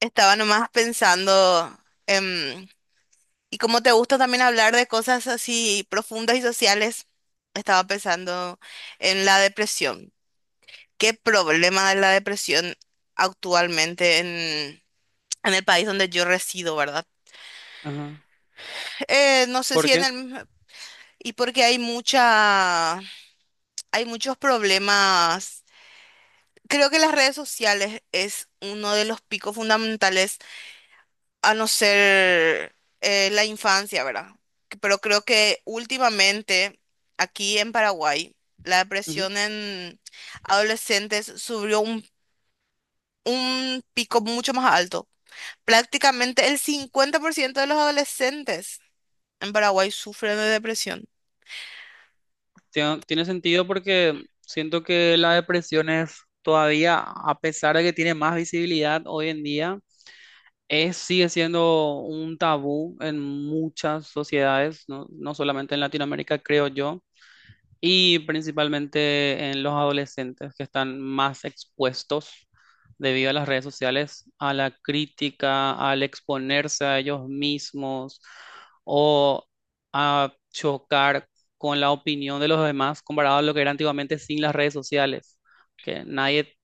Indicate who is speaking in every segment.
Speaker 1: Estaba nomás pensando, em, y como te gusta también hablar de cosas así profundas y sociales, estaba pensando en la depresión. ¿Qué problema de la depresión actualmente en el país donde yo resido, verdad?
Speaker 2: Ajá.
Speaker 1: No sé
Speaker 2: ¿Por
Speaker 1: si en
Speaker 2: qué?
Speaker 1: el. Y porque hay muchos problemas. Creo que las redes sociales es uno de los picos fundamentales a no ser la infancia, ¿verdad? Pero creo que últimamente aquí en Paraguay la
Speaker 2: Ujú.
Speaker 1: depresión en adolescentes subió un pico mucho más alto. Prácticamente el 50% de los adolescentes en Paraguay sufren de depresión.
Speaker 2: Tiene sentido porque siento que la depresión es todavía, a pesar de que tiene más visibilidad hoy en día, es, sigue siendo un tabú en muchas sociedades, no solamente en Latinoamérica, creo yo. Y principalmente en los adolescentes que están más expuestos debido a las redes sociales, a la crítica, al exponerse a ellos mismos o a chocar con la opinión de los demás comparado a lo que era antiguamente sin las redes sociales, que nadie,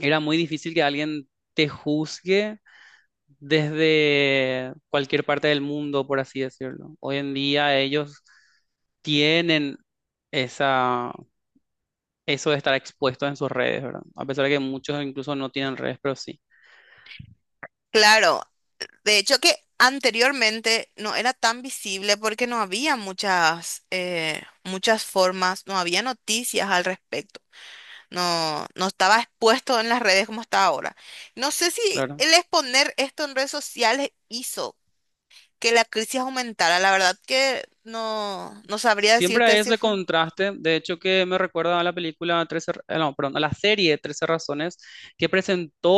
Speaker 2: era muy difícil que alguien te juzgue desde cualquier parte del mundo, por así decirlo. Hoy en día ellos tienen esa eso de estar expuesto en sus redes, ¿verdad? A pesar de que muchos incluso no tienen redes, pero sí,
Speaker 1: Claro, de hecho que anteriormente no era tan visible porque no había muchas formas, no había noticias al respecto. No, no estaba expuesto en las redes como está ahora. No sé si
Speaker 2: claro.
Speaker 1: el exponer esto en redes sociales hizo que la crisis aumentara. La verdad que no sabría
Speaker 2: Siempre
Speaker 1: decirte
Speaker 2: hay
Speaker 1: si
Speaker 2: ese
Speaker 1: fue.
Speaker 2: contraste, de hecho que me recuerda a la película Trece, no, perdón, a la serie Trece Razones que presentó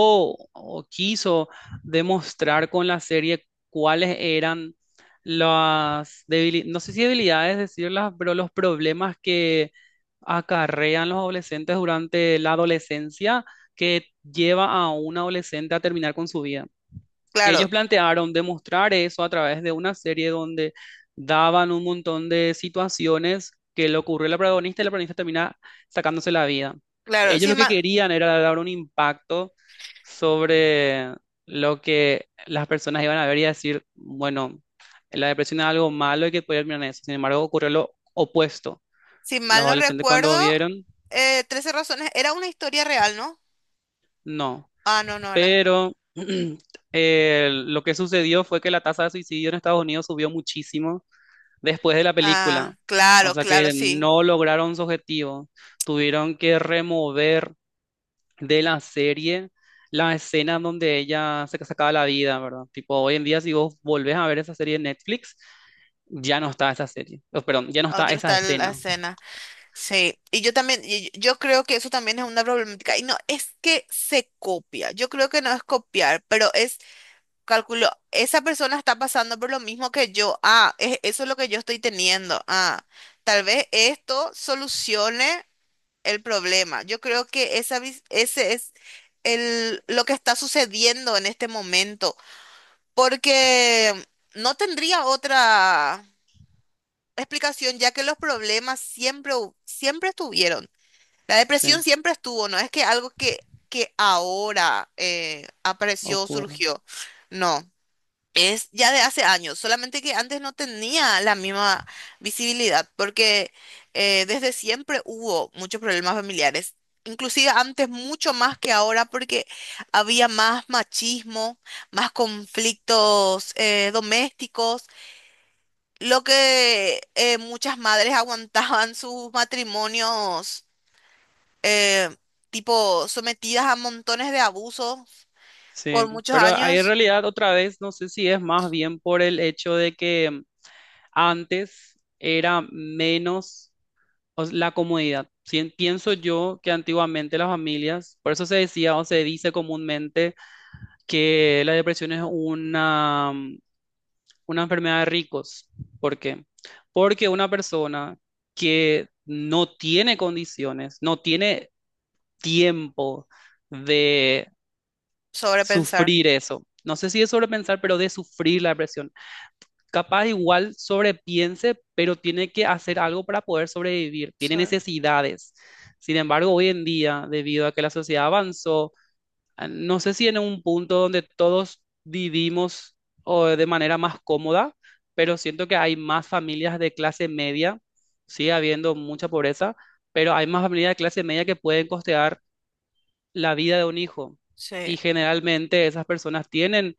Speaker 2: o quiso demostrar con la serie cuáles eran las debilidades, no sé si debilidades decirlas, pero los problemas que acarrean los adolescentes durante la adolescencia que lleva a un adolescente a terminar con su vida.
Speaker 1: Claro,
Speaker 2: Ellos plantearon demostrar eso a través de una serie donde daban un montón de situaciones que le ocurrió a la protagonista y la protagonista termina sacándose la vida.
Speaker 1: claro.
Speaker 2: Ellos
Speaker 1: Si
Speaker 2: lo que
Speaker 1: mal,
Speaker 2: querían era dar un impacto sobre lo que las personas iban a ver y a decir, bueno, la depresión es algo malo y que puede terminar en eso. Sin embargo, ocurrió lo opuesto.
Speaker 1: si
Speaker 2: Los
Speaker 1: mal no
Speaker 2: adolescentes cuando
Speaker 1: recuerdo,
Speaker 2: vieron,
Speaker 1: 13 razones era una historia real, ¿no?
Speaker 2: no.
Speaker 1: Ah, no, no era.
Speaker 2: Pero lo que sucedió fue que la tasa de suicidio en Estados Unidos subió muchísimo después de la película.
Speaker 1: Ah,
Speaker 2: O
Speaker 1: claro,
Speaker 2: sea
Speaker 1: claro,
Speaker 2: que
Speaker 1: sí.
Speaker 2: no lograron su objetivo. Tuvieron que remover de la serie la escena donde ella se sacaba la vida, ¿verdad? Tipo, hoy en día si vos volvés a ver esa serie de Netflix, ya no está esa serie. Oh, perdón, ya no
Speaker 1: Ah,
Speaker 2: está
Speaker 1: ya no
Speaker 2: esa
Speaker 1: está la
Speaker 2: escena.
Speaker 1: escena. Sí. Y yo también, y yo creo que eso también es una problemática. Y no, es que se copia. Yo creo que no es copiar, pero es. Calculo, esa persona está pasando por lo mismo que yo. Ah, eso es lo que yo estoy teniendo. Ah, tal vez esto solucione el problema. Yo creo que esa, vis- ese es el, lo que está sucediendo en este momento, porque no tendría otra explicación, ya que los problemas siempre estuvieron. La depresión
Speaker 2: Sí,
Speaker 1: siempre estuvo, no es que algo que ahora apareció,
Speaker 2: ocurre.
Speaker 1: surgió. No. Es ya de hace años, solamente que antes no tenía la misma visibilidad, porque desde siempre hubo muchos problemas familiares, inclusive antes mucho más que ahora, porque había más machismo, más conflictos domésticos, lo que muchas madres aguantaban sus matrimonios, eh, tipo sometidas a montones de abusos por
Speaker 2: Sí,
Speaker 1: muchos
Speaker 2: pero ahí en
Speaker 1: años,
Speaker 2: realidad otra vez no sé si es más bien por el hecho de que antes era menos o la comodidad. Pienso yo que antiguamente las familias, por eso se decía o se dice comúnmente que la depresión es una, mm, una enfermedad de ricos. ¿Por qué? Porque una persona que no tiene condiciones, no tiene tiempo de
Speaker 1: sobrepensar.
Speaker 2: sufrir eso. No sé si es sobrepensar, pero de sufrir la depresión. Capaz igual sobrepiense, pero tiene que hacer algo para poder sobrevivir, tiene
Speaker 1: sobre-
Speaker 2: necesidades. Sin embargo, hoy en día, debido a que la sociedad avanzó, no sé si en un punto donde todos vivimos o de manera más cómoda, pero siento que hay más familias de clase media, sigue habiendo mucha pobreza, pero hay más familias de clase media que pueden costear la vida de un hijo.
Speaker 1: sí.
Speaker 2: Y generalmente esas personas tienen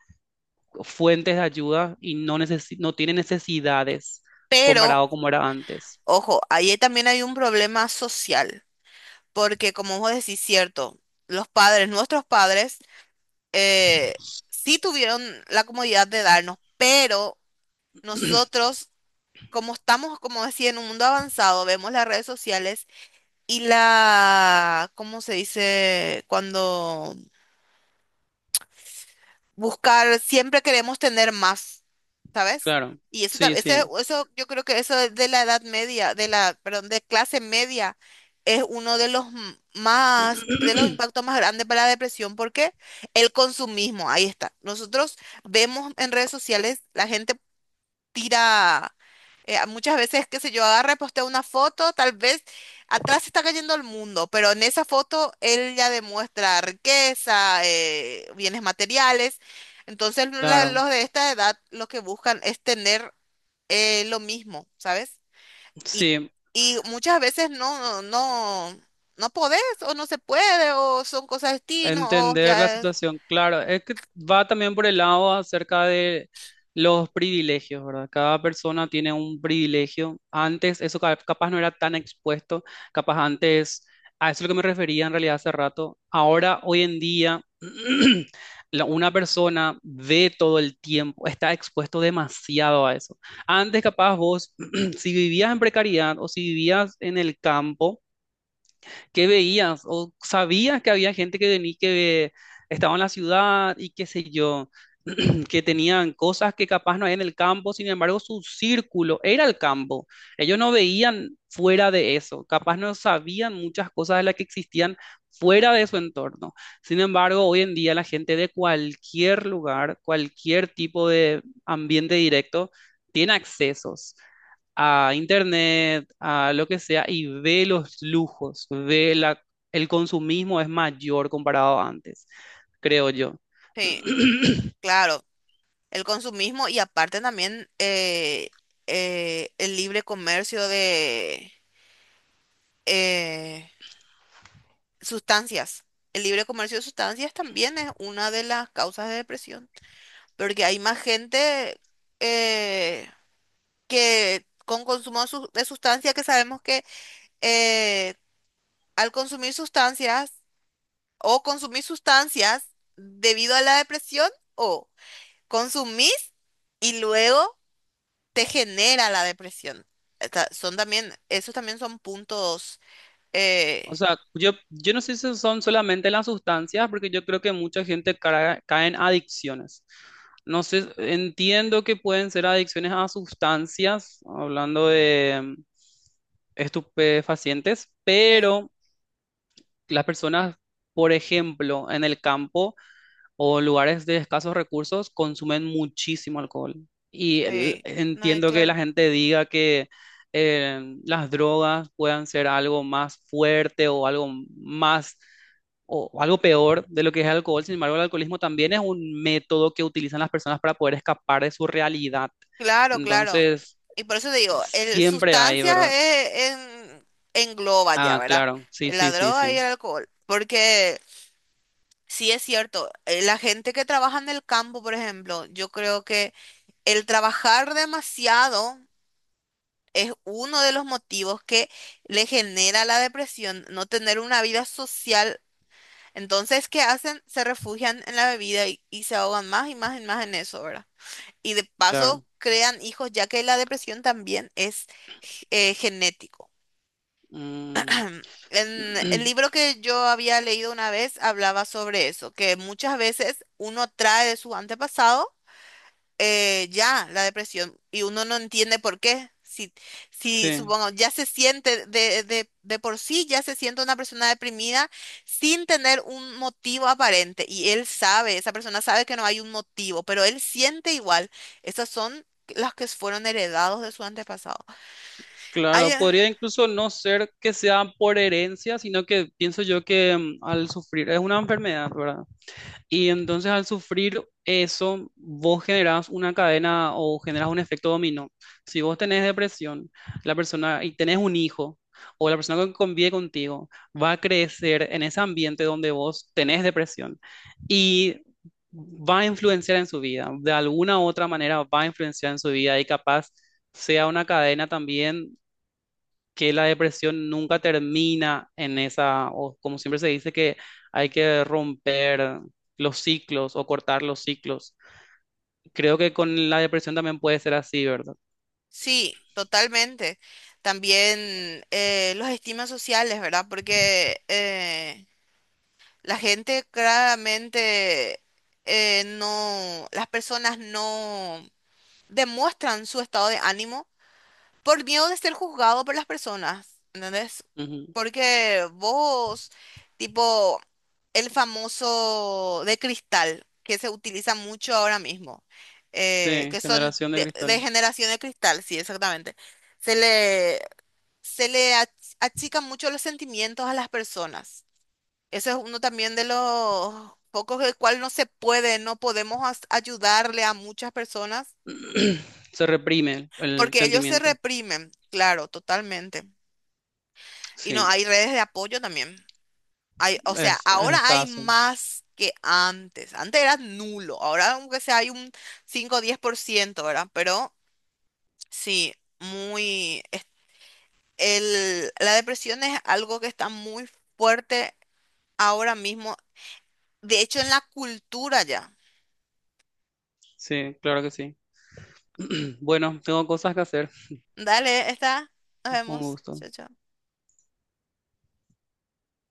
Speaker 2: fuentes de ayuda y no, no tiene necesidades
Speaker 1: Pero
Speaker 2: comparado como era antes.
Speaker 1: ojo, ahí también hay un problema social, porque como vos decís, cierto, los padres, nuestros padres, eh, sí tuvieron la comodidad de darnos, pero nosotros, como estamos, como decía, en un mundo avanzado, vemos las redes sociales y la, ¿cómo se dice? Cuando buscar, siempre queremos tener más, ¿sabes?
Speaker 2: Claro,
Speaker 1: Y eso,
Speaker 2: sí, sí,
Speaker 1: eso, yo creo que eso es de la edad media, de la, perdón, de clase media, es uno de los más, de los impactos más grandes para la depresión, porque el consumismo, ahí está. Nosotros vemos en redes sociales la gente tira, muchas veces, qué sé yo, agarra y postea una foto, tal vez atrás está cayendo el mundo, pero en esa foto él ya demuestra riqueza, bienes materiales. Entonces
Speaker 2: claro,
Speaker 1: los de esta edad lo que buscan es tener lo mismo, ¿sabes? Y,
Speaker 2: sí.
Speaker 1: y muchas veces no podés o no se puede o son cosas de destino o
Speaker 2: Entender la
Speaker 1: ya.
Speaker 2: situación, claro, es que va también por el lado acerca de los privilegios, ¿verdad? Cada persona tiene un privilegio. Antes eso capaz no era tan expuesto, capaz antes, a eso es lo que me refería en realidad hace rato. Ahora, hoy en día, una persona ve todo el tiempo, está expuesto demasiado a eso. Antes capaz vos, si vivías en precariedad o si vivías en el campo, ¿qué veías? ¿O sabías que había gente que venía, que estaba en la ciudad y qué sé yo, que tenían cosas que capaz no hay en el campo, sin embargo su círculo era el campo. Ellos no veían fuera de eso, capaz no sabían muchas cosas de las que existían fuera de su entorno. Sin embargo, hoy en día la gente de cualquier lugar, cualquier tipo de ambiente directo, tiene accesos a internet, a lo que sea, y ve los lujos, ve la, el consumismo es mayor comparado a antes, creo yo.
Speaker 1: Sí, claro. El consumismo y aparte también el libre comercio de eh, sustancias. El libre comercio de sustancias también es una de las causas de depresión, porque hay más gente eh, que con consumo de sustancias que sabemos que eh, al consumir sustancias o consumir sustancias debido a la depresión o consumís y luego te genera la depresión. Son también, esos también son puntos. eh,
Speaker 2: O sea, yo no sé si son solamente las sustancias, porque yo creo que mucha gente cae en adicciones. No sé, entiendo que pueden ser adicciones a sustancias, hablando de mm, estupefacientes,
Speaker 1: sí,
Speaker 2: pero las personas, por ejemplo, en el campo, o lugares de escasos recursos consumen muchísimo alcohol.
Speaker 1: sí, no, y
Speaker 2: Entiendo que la
Speaker 1: claro.
Speaker 2: gente diga que las drogas puedan ser algo más fuerte o algo más o algo peor de lo que es el alcohol. Sin embargo, el alcoholismo también es un método que utilizan las personas para poder escapar de su realidad.
Speaker 1: Claro, claro.
Speaker 2: Entonces,
Speaker 1: Y por eso te digo, el
Speaker 2: siempre hay,
Speaker 1: sustancias
Speaker 2: ¿verdad?
Speaker 1: engloba ya,
Speaker 2: Ah,
Speaker 1: ¿verdad?
Speaker 2: claro, sí,
Speaker 1: La
Speaker 2: sí, sí,
Speaker 1: droga y
Speaker 2: sí,
Speaker 1: el alcohol. Porque sí es cierto, la gente que trabaja en el campo, por ejemplo, yo creo que el trabajar demasiado es uno de los motivos que le genera la depresión, no tener una vida social. Entonces, ¿qué hacen? Se refugian en la bebida y se ahogan más y más y más en eso, ¿verdad? Y de
Speaker 2: claro.
Speaker 1: paso crean hijos, ya que la depresión también es genético.
Speaker 2: Mm,
Speaker 1: En el libro que yo había leído una vez hablaba sobre eso, que muchas veces uno trae de su antepasado ya la depresión y uno no entiende por qué. Si, si
Speaker 2: sí.
Speaker 1: supongo, ya se siente de por sí, ya se siente una persona deprimida sin tener un motivo aparente y él sabe, esa persona sabe que no hay un motivo, pero él siente igual. Esas son las que fueron heredados de su antepasado. Hay,
Speaker 2: Claro, podría incluso no ser que sea por herencia, sino que pienso yo que mm, al sufrir, es una enfermedad, ¿verdad? Y entonces al sufrir eso, vos generás una cadena o generás un efecto dominó. Si vos tenés depresión, la persona y tenés un hijo o la persona que convive contigo va a crecer en ese ambiente donde vos tenés depresión y va a influenciar en su vida, de alguna u otra manera va a influenciar en su vida y capaz sea una cadena también que la depresión nunca termina en esa, o como siempre se dice, que hay que romper los ciclos o cortar los ciclos. Creo que con la depresión también puede ser así, ¿verdad?
Speaker 1: sí, totalmente. También los estigmas sociales, ¿verdad? Porque la gente claramente no, las personas no demuestran su estado de ánimo por miedo de ser juzgado por las personas, ¿entendés?
Speaker 2: Ujú.
Speaker 1: Porque vos, tipo, el famoso de cristal que se utiliza mucho ahora mismo,
Speaker 2: Sí,
Speaker 1: que son
Speaker 2: generación de
Speaker 1: de
Speaker 2: cristal.
Speaker 1: generación de cristal, sí, exactamente. Se le, se le achican mucho los sentimientos a las personas. Ese es uno también de los pocos del cual no se puede, no podemos ayudarle a muchas personas
Speaker 2: Se reprime el
Speaker 1: porque ellos se
Speaker 2: sentimiento.
Speaker 1: reprimen, claro, totalmente. Y no,
Speaker 2: Sí,
Speaker 1: hay redes de apoyo también. Hay, o sea,
Speaker 2: es
Speaker 1: ahora hay
Speaker 2: escaso.
Speaker 1: más que antes. Antes era nulo, ahora aunque sea hay un 5 o 10%, ¿verdad? Pero sí, muy. La depresión es algo que está muy fuerte ahora mismo, de hecho en la cultura ya.
Speaker 2: Sí, claro que sí. Bueno, tengo cosas que hacer.
Speaker 1: Dale, está. Nos
Speaker 2: Un
Speaker 1: vemos.
Speaker 2: gusto.
Speaker 1: Chao, chao.